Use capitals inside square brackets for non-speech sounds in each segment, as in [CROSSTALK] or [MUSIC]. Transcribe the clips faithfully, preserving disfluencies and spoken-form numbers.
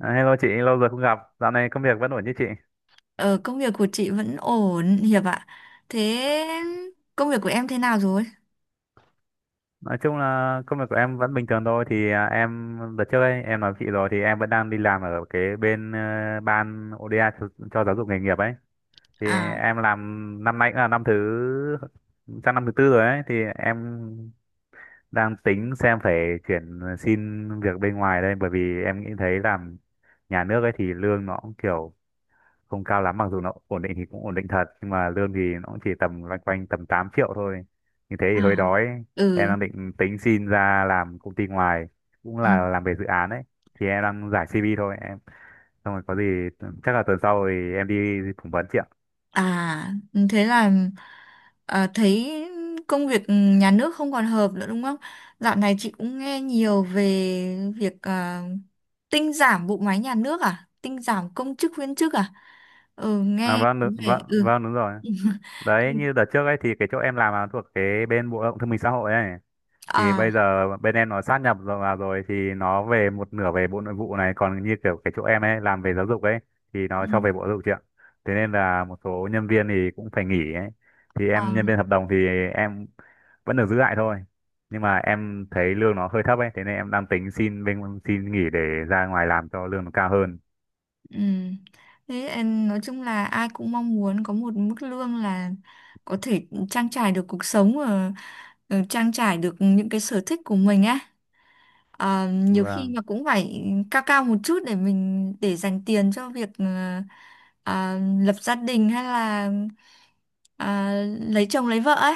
À, Hello chị, lâu rồi không gặp. Dạo này công việc vẫn ổn chứ chị? Ờ, công việc của chị vẫn ổn, Hiệp ạ. Thế công việc của em thế nào rồi? Nói chung là công việc của em vẫn bình thường thôi. Thì à, em đợt trước ấy, em nói với chị rồi thì em vẫn đang đi làm ở cái bên ờ, ban ô đê a cho, cho giáo dục nghề nghiệp ấy. Thì À, em làm năm nay cũng là năm thứ sang năm thứ tư rồi ấy. Thì em đang tính xem phải chuyển xin việc bên ngoài đây, bởi vì em nghĩ thấy làm nhà nước ấy thì lương nó cũng kiểu không cao lắm, mặc dù nó ổn định thì cũng ổn định thật, nhưng mà lương thì nó cũng chỉ tầm loanh quanh tầm tám triệu thôi, như thế thì hơi à, đói. Em ừ, đang định tính xin ra làm công ty ngoài, cũng ừ. là làm về dự án ấy. Thì em đang giải xê vê thôi, em xong rồi có gì chắc là tuần sau thì em đi phỏng vấn chị ạ. À, thế là à, thấy công việc nhà nước không còn hợp nữa đúng không? Dạo này chị cũng nghe nhiều về việc à, tinh giảm bộ máy nhà nước à? Tinh giảm công chức viên chức à? Ừ, À, nghe vâng có đúng- vẻ... vâng Ừ. vâng đúng rồi. [LAUGHS] Đấy như đợt trước ấy thì cái chỗ em làm là thuộc cái bên bộ lao động thương binh xã hội ấy, thì bây À, giờ bên em nó sát nhập rồi vào rồi, thì nó về một nửa về bộ nội vụ này, còn như kiểu cái chỗ em ấy làm về giáo dục ấy thì nó ừ. cho về bộ giáo dục chị ạ. Thế nên là một số nhân viên thì cũng phải nghỉ ấy, thì Ờ. em nhân viên hợp đồng thì em vẫn được giữ lại thôi, nhưng mà em thấy lương nó hơi thấp ấy, thế nên em đang tính xin bên, xin nghỉ để ra ngoài làm cho lương nó cao hơn. Ừ. Thế em nói chung là ai cũng mong muốn có một mức lương là có thể trang trải được cuộc sống và ờ, trang trải được những cái sở thích của mình á. Ờ, nhiều khi Vâng mà cũng phải cao cao một chút để mình để dành tiền cho việc ờ, ờ, lập gia đình hay là ờ, lấy chồng lấy vợ ấy.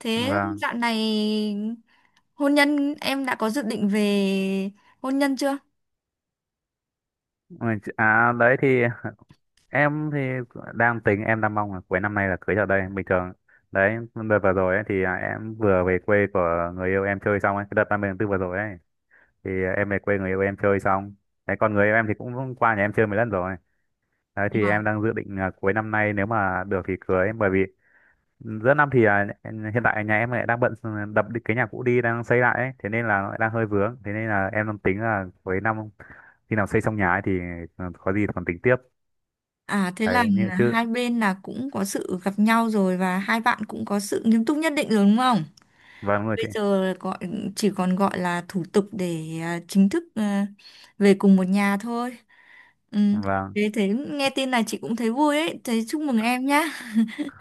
Thế vâng. dạo này hôn nhân em đã có dự định về hôn nhân chưa? Ừ, chị- à đấy thì em thì đang tính, em đang mong là cuối năm nay là cưới ở đây bình thường. Đấy đợt vừa rồi ấy, thì à, em vừa về quê của người yêu em chơi xong ấy, cái đợt ba mươi tháng tư vừa rồi ấy. Thì em về quê người yêu em chơi xong. Đấy, còn người yêu em thì cũng qua nhà em chơi mấy lần rồi. Đấy thì em đang dự định là cuối năm nay, nếu mà được thì cưới, bởi vì giữa năm thì à, hiện tại nhà em lại đang bận, ừ, đập đi- cái nhà cũ đi đang xây lại ấy, thế nên là nó lại đang hơi vướng, thế nên là em đang tính là cuối năm khi nào xây xong nhà ấy thì ừ, có gì còn tính tiếp. À thế là Đấy như chứ. hai bên là cũng có sự gặp nhau rồi và hai bạn cũng có sự nghiêm túc nhất định rồi đúng không? Vâng đúng rồi Bây chị. giờ gọi chỉ còn gọi là thủ tục để à, chính thức à, về cùng một nhà thôi. Ừ. Vâng. Thế thế nghe tin là chị cũng thấy vui ấy, thế chúc mừng em nhá.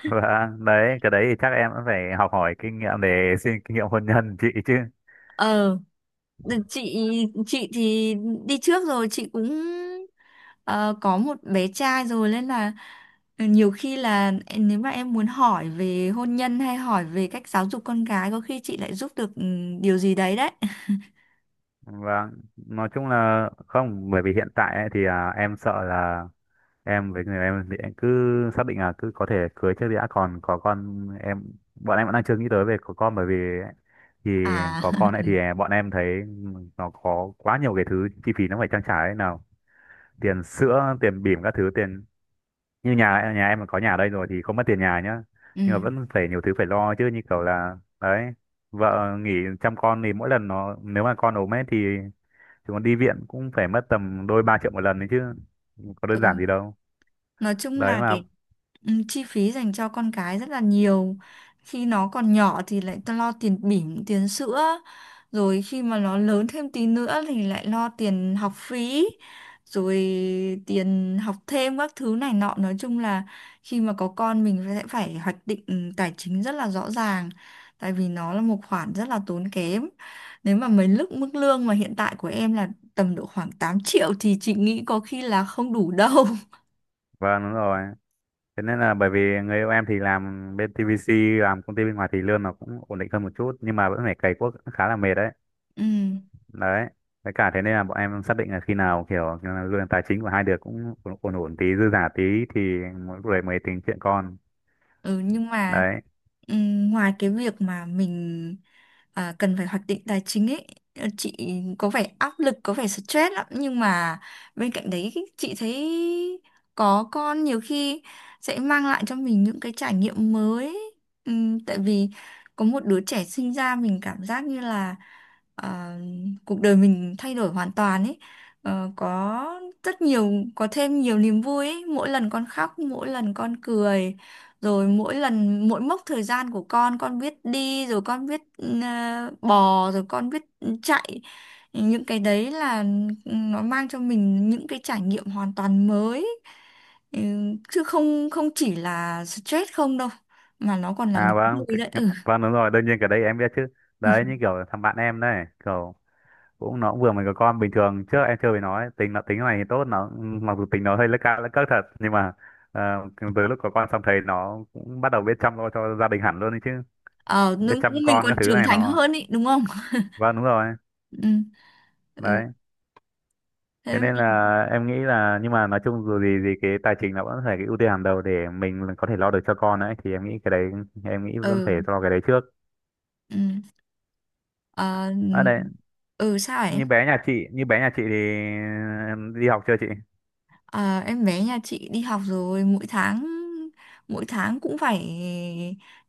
Vâng, đấy, cái đấy thì chắc em cũng phải học hỏi kinh nghiệm để [LAUGHS] xin kinh nghiệm hôn nhân chị chứ. Ờ chị chị thì đi trước rồi chị cũng ờ, có một bé trai rồi nên là ờ, nhiều khi là em- nếu mà em muốn hỏi về hôn nhân hay hỏi về cách giáo dục con gái có khi chị lại giúp được ừ, điều gì đấy đấy. Vâng, nói chung là không, bởi vì hiện tại ấy, thì à, em sợ là em với người em thì em cứ xác định là cứ có thể cưới trước đã, còn có con em, bọn em vẫn đang chưa nghĩ tới về có con, bởi vì ấy, thì À, có con ấy [LAUGHS] thì à, bọn em thấy nó có quá nhiều cái thứ chi phí nó phải trang trải ấy, nào tiền sữa tiền bỉm các thứ tiền, như nhà nhà em mà có nhà ở đây rồi thì không mất tiền nhà nhá. Nhưng mà vẫn phải nhiều thứ phải lo chứ, như kiểu là đấy, vợ nghỉ chăm con thì mỗi lần nó, nếu mà con ốm ấy thì chúng nó đi viện cũng phải mất tầm đôi ba triệu một lần đấy chứ, có đơn giản ừ. gì đâu. Nói chung Đấy là mà. cái ừ, chi phí dành cho con cái rất là nhiều khi nó còn nhỏ thì lại ta lo tiền bỉm tiền sữa, rồi khi mà nó lớn thêm tí nữa thì lại lo tiền học phí, rồi tiền học thêm các thứ này nọ. Nói chung là khi mà có con mình sẽ phải hoạch định ừ, tài chính rất là rõ ràng, tại vì nó là một khoản rất là tốn kém. Nếu mà mấy lúc mức lương mà hiện tại của em là tầm độ khoảng tám triệu thì chị nghĩ có khi là không đủ đâu. [LAUGHS] Vâng đúng rồi, thế nên là bởi vì người yêu em thì làm bên tê vê xê, làm công ty bên ngoài thì lương nó cũng ổn định hơn một chút, nhưng mà vẫn phải cày cuốc khá là mệt đấy. Ừ. Đấy, với cả thế nên là bọn em xác định là khi nào kiểu như là lương tài chính của hai đứa cũng ổn ổn ổn tí, dư giả tí thì mỗi người mới tính chuyện con. Ừ, nhưng mà Đấy. ừm, ngoài cái việc mà mình à, cần phải hoạch định tài chính ấy, ờ, chị có vẻ áp lực, có vẻ stress lắm. Nhưng mà bên cạnh đấy chị thấy có con nhiều khi sẽ mang lại cho mình những cái trải nghiệm mới ấy. Ừm, tại vì có một đứa trẻ sinh ra mình cảm giác như là à, cuộc đời mình thay đổi hoàn toàn ấy. Ờ, có rất nhiều, có thêm nhiều niềm vui ấy. Mỗi lần con khóc, mỗi lần con cười, rồi mỗi lần mỗi mốc thời gian của con con biết đi rồi con biết ừ, bò rồi con biết chạy. Những cái đấy là nó mang cho mình những cái trải nghiệm hoàn toàn mới. Ừ, chứ không không chỉ là stress không đâu mà nó còn là niềm À, vâng, vui đấy. Cái- ừ. vâng đúng rồi, đương nhiên cái đấy em biết chứ. Đấy như [LAUGHS] kiểu thằng bạn em đấy, kiểu cũng nó cũng vừa mới có con, bình thường trước em chưa với nó ấy, tính nó, tính này thì tốt nó, mặc dù tính nó hơi lấc ca lấc cấc thật, nhưng mà ờ, từ lúc có con xong thấy nó cũng bắt đầu biết chăm lo cho gia đình hẳn luôn đấy chứ, Ờ nó- biết chăm mình con các còn thứ trưởng này thành nó. hơn ý đúng không? Vâng đúng rồi. [LAUGHS] Ừ, ừ. Đấy Thế thế nên là mình em nghĩ là, nhưng mà nói chung dù gì gì cái tài chính là vẫn phải cái ưu tiên hàng đầu để mình có thể lo được cho con ấy, thì em nghĩ cái đấy, em nghĩ vẫn phải ừ, lo cái đấy trước. ừ. Ờ, À đấy, ừ sao ấy. như bé nhà chị như bé nhà chị thì em đi học chưa chị? À, em bé nhà chị đi học rồi. Mỗi tháng mỗi tháng cũng phải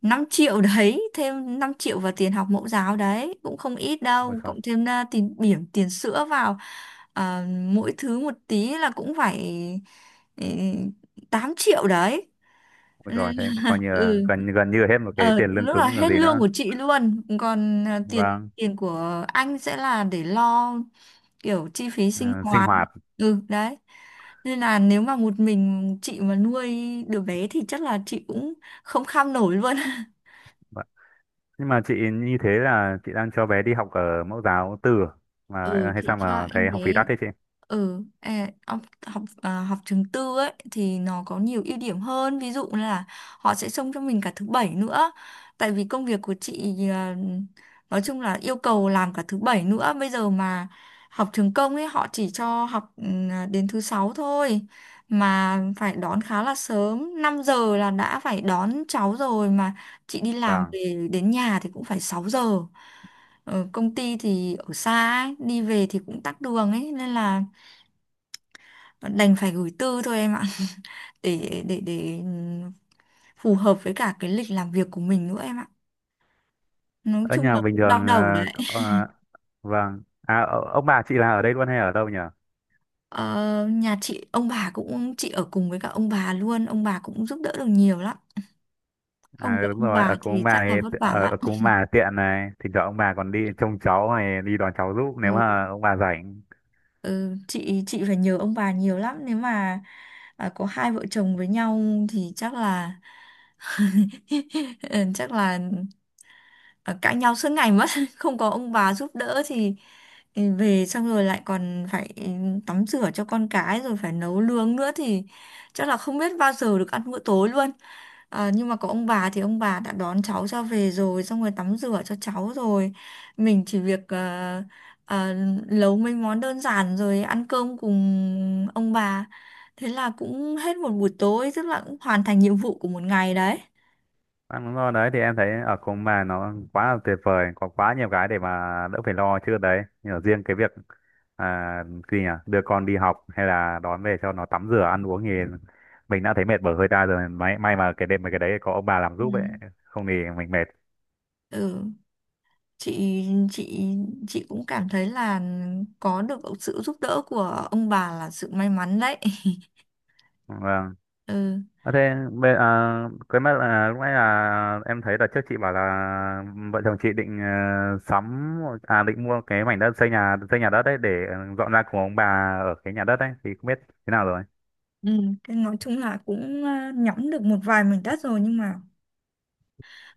năm triệu. [LAUGHS] Đấy, thêm năm triệu vào tiền học mẫu giáo đấy cũng không ít Ôi đâu, trời, cộng thêm à, tiền bỉm tiền sữa vào, à, mỗi thứ một tí là cũng phải ừ, tám triệu đấy. ôi trời, thế coi như là Ừ. gần gần như là hết một cái Ờ tiền lương lúc là cứng còn hết gì lương nữa. của chị luôn, còn à, tiền Vâng. tiền của anh sẽ là để lo kiểu chi phí sinh ờ, Sinh hoạt. hoạt. Ừ đấy. Nên là nếu mà một mình chị mà nuôi đứa bé thì chắc là chị cũng không kham nổi luôn. Vâng. Nhưng mà chị như thế là chị đang cho bé đi học ở mẫu giáo tư à? [LAUGHS] Ừ, Mà hay chị sao cho mà em thấy bé. học phí đắt thế chị? Ừ, à, học học à, học trường tư ấy thì nó có nhiều ưu điểm hơn, ví dụ là họ sẽ xông cho mình cả thứ bảy nữa. Tại vì công việc của chị à, nói chung là yêu cầu làm cả thứ bảy nữa. Bây giờ mà học trường công ấy họ chỉ cho học ừ, à, đến thứ sáu thôi, mà phải đón khá là sớm, năm giờ là đã phải đón cháu rồi, mà chị đi làm Vâng, về đến nhà thì cũng phải sáu giờ. Ờ, công ty thì ở xa ấy, đi về thì cũng tắc đường ấy nên là đành phải gửi tư thôi em ạ. [LAUGHS] để để để ừ, phù hợp với cả cái lịch làm việc của mình nữa em ạ. Nói ở chung nhà là bình cũng đau thường. đầu ờ, đấy. ờ, Vâng. À, ờ, ông bà chị là ở đây luôn hay ở đâu nhỉ? Ờ, nhà chị ông bà cũng chị ở cùng với cả ông bà luôn, ông bà cũng giúp đỡ được nhiều lắm, không À có đúng ông rồi, ở bà cùng thì ông bà chắc là vất thì, vả ở, lắm. ở cùng ông bà tiện này, thỉnh thoảng ông bà còn đi trông cháu này, đi đón cháu giúp nếu Ừ, mà ông bà rảnh. ừ, chị chị phải nhờ ông bà nhiều lắm. Nếu mà à, có hai vợ chồng với nhau thì chắc là [LAUGHS] ừ, chắc là à, cãi nhau suốt ngày mất. [LAUGHS] Không có ông bà giúp đỡ thì thì về xong rồi lại còn phải ừ, tắm rửa cho con cái rồi phải nấu nướng nữa thì chắc là không biết bao giờ được ăn bữa tối luôn. À, nhưng mà có ông bà thì ông bà đã đón cháu cho về rồi, xong rồi tắm rửa cho cháu rồi, mình chỉ việc ờ, ờ, nấu mấy món đơn giản rồi ăn cơm cùng ông bà, thế là cũng hết một buổi tối, tức là cũng hoàn thành nhiệm vụ của một ngày đấy. Vâng, đúng rồi đấy, thì em thấy ở cùng ông bà nó quá là tuyệt vời, có quá nhiều cái để mà đỡ phải lo chứ đấy. Nhưng mà riêng cái việc à, gì nhỉ? Đưa con đi học hay là đón về cho nó tắm rửa ăn uống thì mình đã thấy mệt bở hơi ta rồi. May may mà cái đêm mà cái đấy có ông bà làm Ừ. giúp ấy, không thì mình mệt. Ừ. chị chị chị cũng cảm thấy là có được sự giúp đỡ của ông bà là sự may mắn đấy. [LAUGHS] Vâng. Ừ. À, thế bây- à, cái mất là lúc nãy là em thấy là trước chị bảo là vợ chồng chị định, ờ, sắm, à định mua cái mảnh đất xây nhà, xây nhà đất đấy để ờ, dọn ra cùng ông bà, ở cái nhà đất đấy thì không biết thế nào rồi. Ừ, thế nói chung là cũng ờ, nhõm được một vài mảnh đất rồi, nhưng mà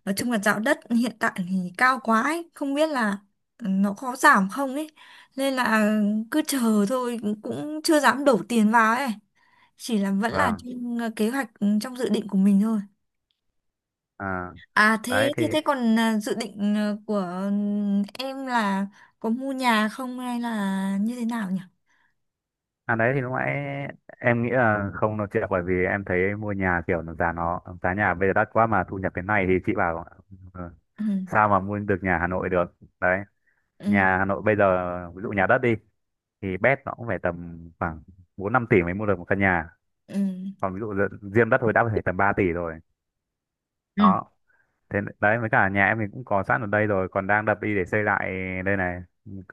nói chung là dạo đất hiện tại thì cao quá ấy, không biết là nó có giảm không ấy, nên là cứ chờ thôi, cũng chưa dám đổ tiền vào ấy, chỉ là vẫn là Vâng. trên ờ, kế hoạch ừ, trong dự định của mình thôi. À, À đấy thế thì, thế thế còn à, dự định à, của ừm, em là có mua nhà không hay là như thế nào nhỉ? à đấy thì lúc nãy em nghĩ là không nói chuyện, bởi vì em thấy mua nhà kiểu nó, giá nó giá nhà bây giờ đắt quá mà thu nhập thế này thì chị bảo ờ, Ừ sao mà mua được nhà Hà Nội được. Đấy, ừ nhà Hà Nội bây giờ, ví dụ nhà đất đi, thì bét nó cũng phải tầm khoảng bốn năm tỷ mới mua được một căn nhà, ừ. còn ví dụ dự- riêng đất thôi đã phải tầm ba tỷ rồi. Ừ. Đó, thế đấy với cả nhà em mình cũng có sẵn ở đây rồi, còn đang đập đi để xây lại đây này,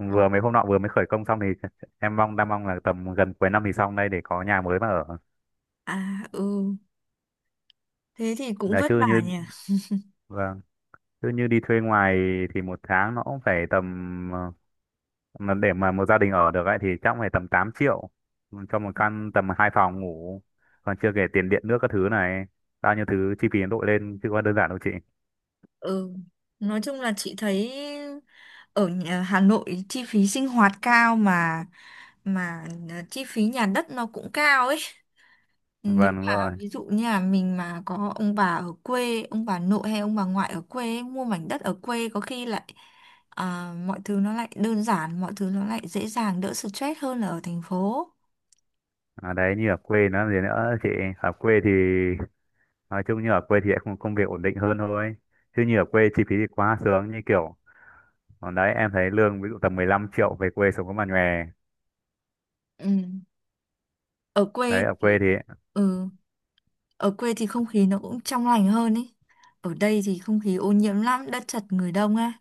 Ừ. vừa mấy hôm nọ vừa mới khởi công xong thì [LAUGHS] em mong đang mong là tầm gần cuối năm thì xong đây để có nhà mới mà ở. À ừ, thế thì cũng Là vất chứ vả như nhỉ. Vâng, chứ như đi thuê ngoài thì một tháng nó cũng phải tầm, ờ, mà để mà một gia đình ở được ấy thì chắc phải tầm tám triệu cho một căn tầm hai phòng ngủ, còn chưa kể tiền điện nước các thứ này, bao nhiêu thứ chi phí nó đội lên chứ có đơn giản đâu chị. Ừ. Nói chung là chị thấy ở nhà- Hà Nội chi phí sinh hoạt cao, mà mà à, chi phí nhà đất nó cũng cao ấy. Nếu Vâng đúng mà rồi. ví dụ như là mình mà có ông bà ở quê, ông bà nội hay ông bà ngoại ở quê ấy, mua mảnh đất ở quê có khi lại à, mọi thứ nó lại đơn giản, mọi thứ nó lại dễ dàng, đỡ stress hơn là ở thành phố. À, đấy như ở quê nó gì nữa chị, ở quê thì nói chung, như ở quê thì lại không, công việc ổn định hơn thôi, chứ như ở quê chi phí thì quá sướng, như kiểu còn đấy em thấy lương ví dụ tầm mười lăm triệu về quê sống có mà nhòe. Ừ. Ở quê Đấy ở quê thì thì, ừ, ở quê thì không khí nó cũng trong lành hơn ấy. Ở đây thì không khí ô nhiễm lắm, đất chật người đông á,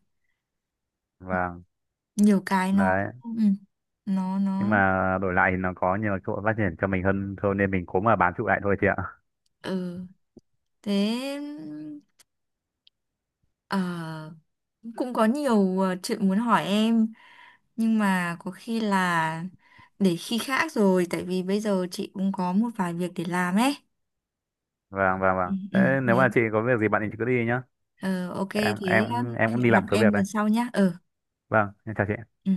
vâng nhiều cái nó đấy, ừ, nó nhưng nó mà đổi lại thì nó có nhiều cơ hội phát triển cho mình hơn thôi nên mình cố mà bám trụ lại thôi chị ạ. ừ thế ờ, cũng có nhiều ờ, chuyện muốn hỏi em, nhưng mà có khi là để khi khác rồi, tại vì bây giờ chị cũng có một vài việc để làm ấy. Vâng vâng Ừ, vâng. ừ, Thế nếu thế. mà chị có việc gì bạn thì chị cứ đi nhá, Ờ, ok em thế em hẹn em cũng đi gặp làm số em việc đây. lần sau nhá. Ừ Vâng, em chào chị. ừ.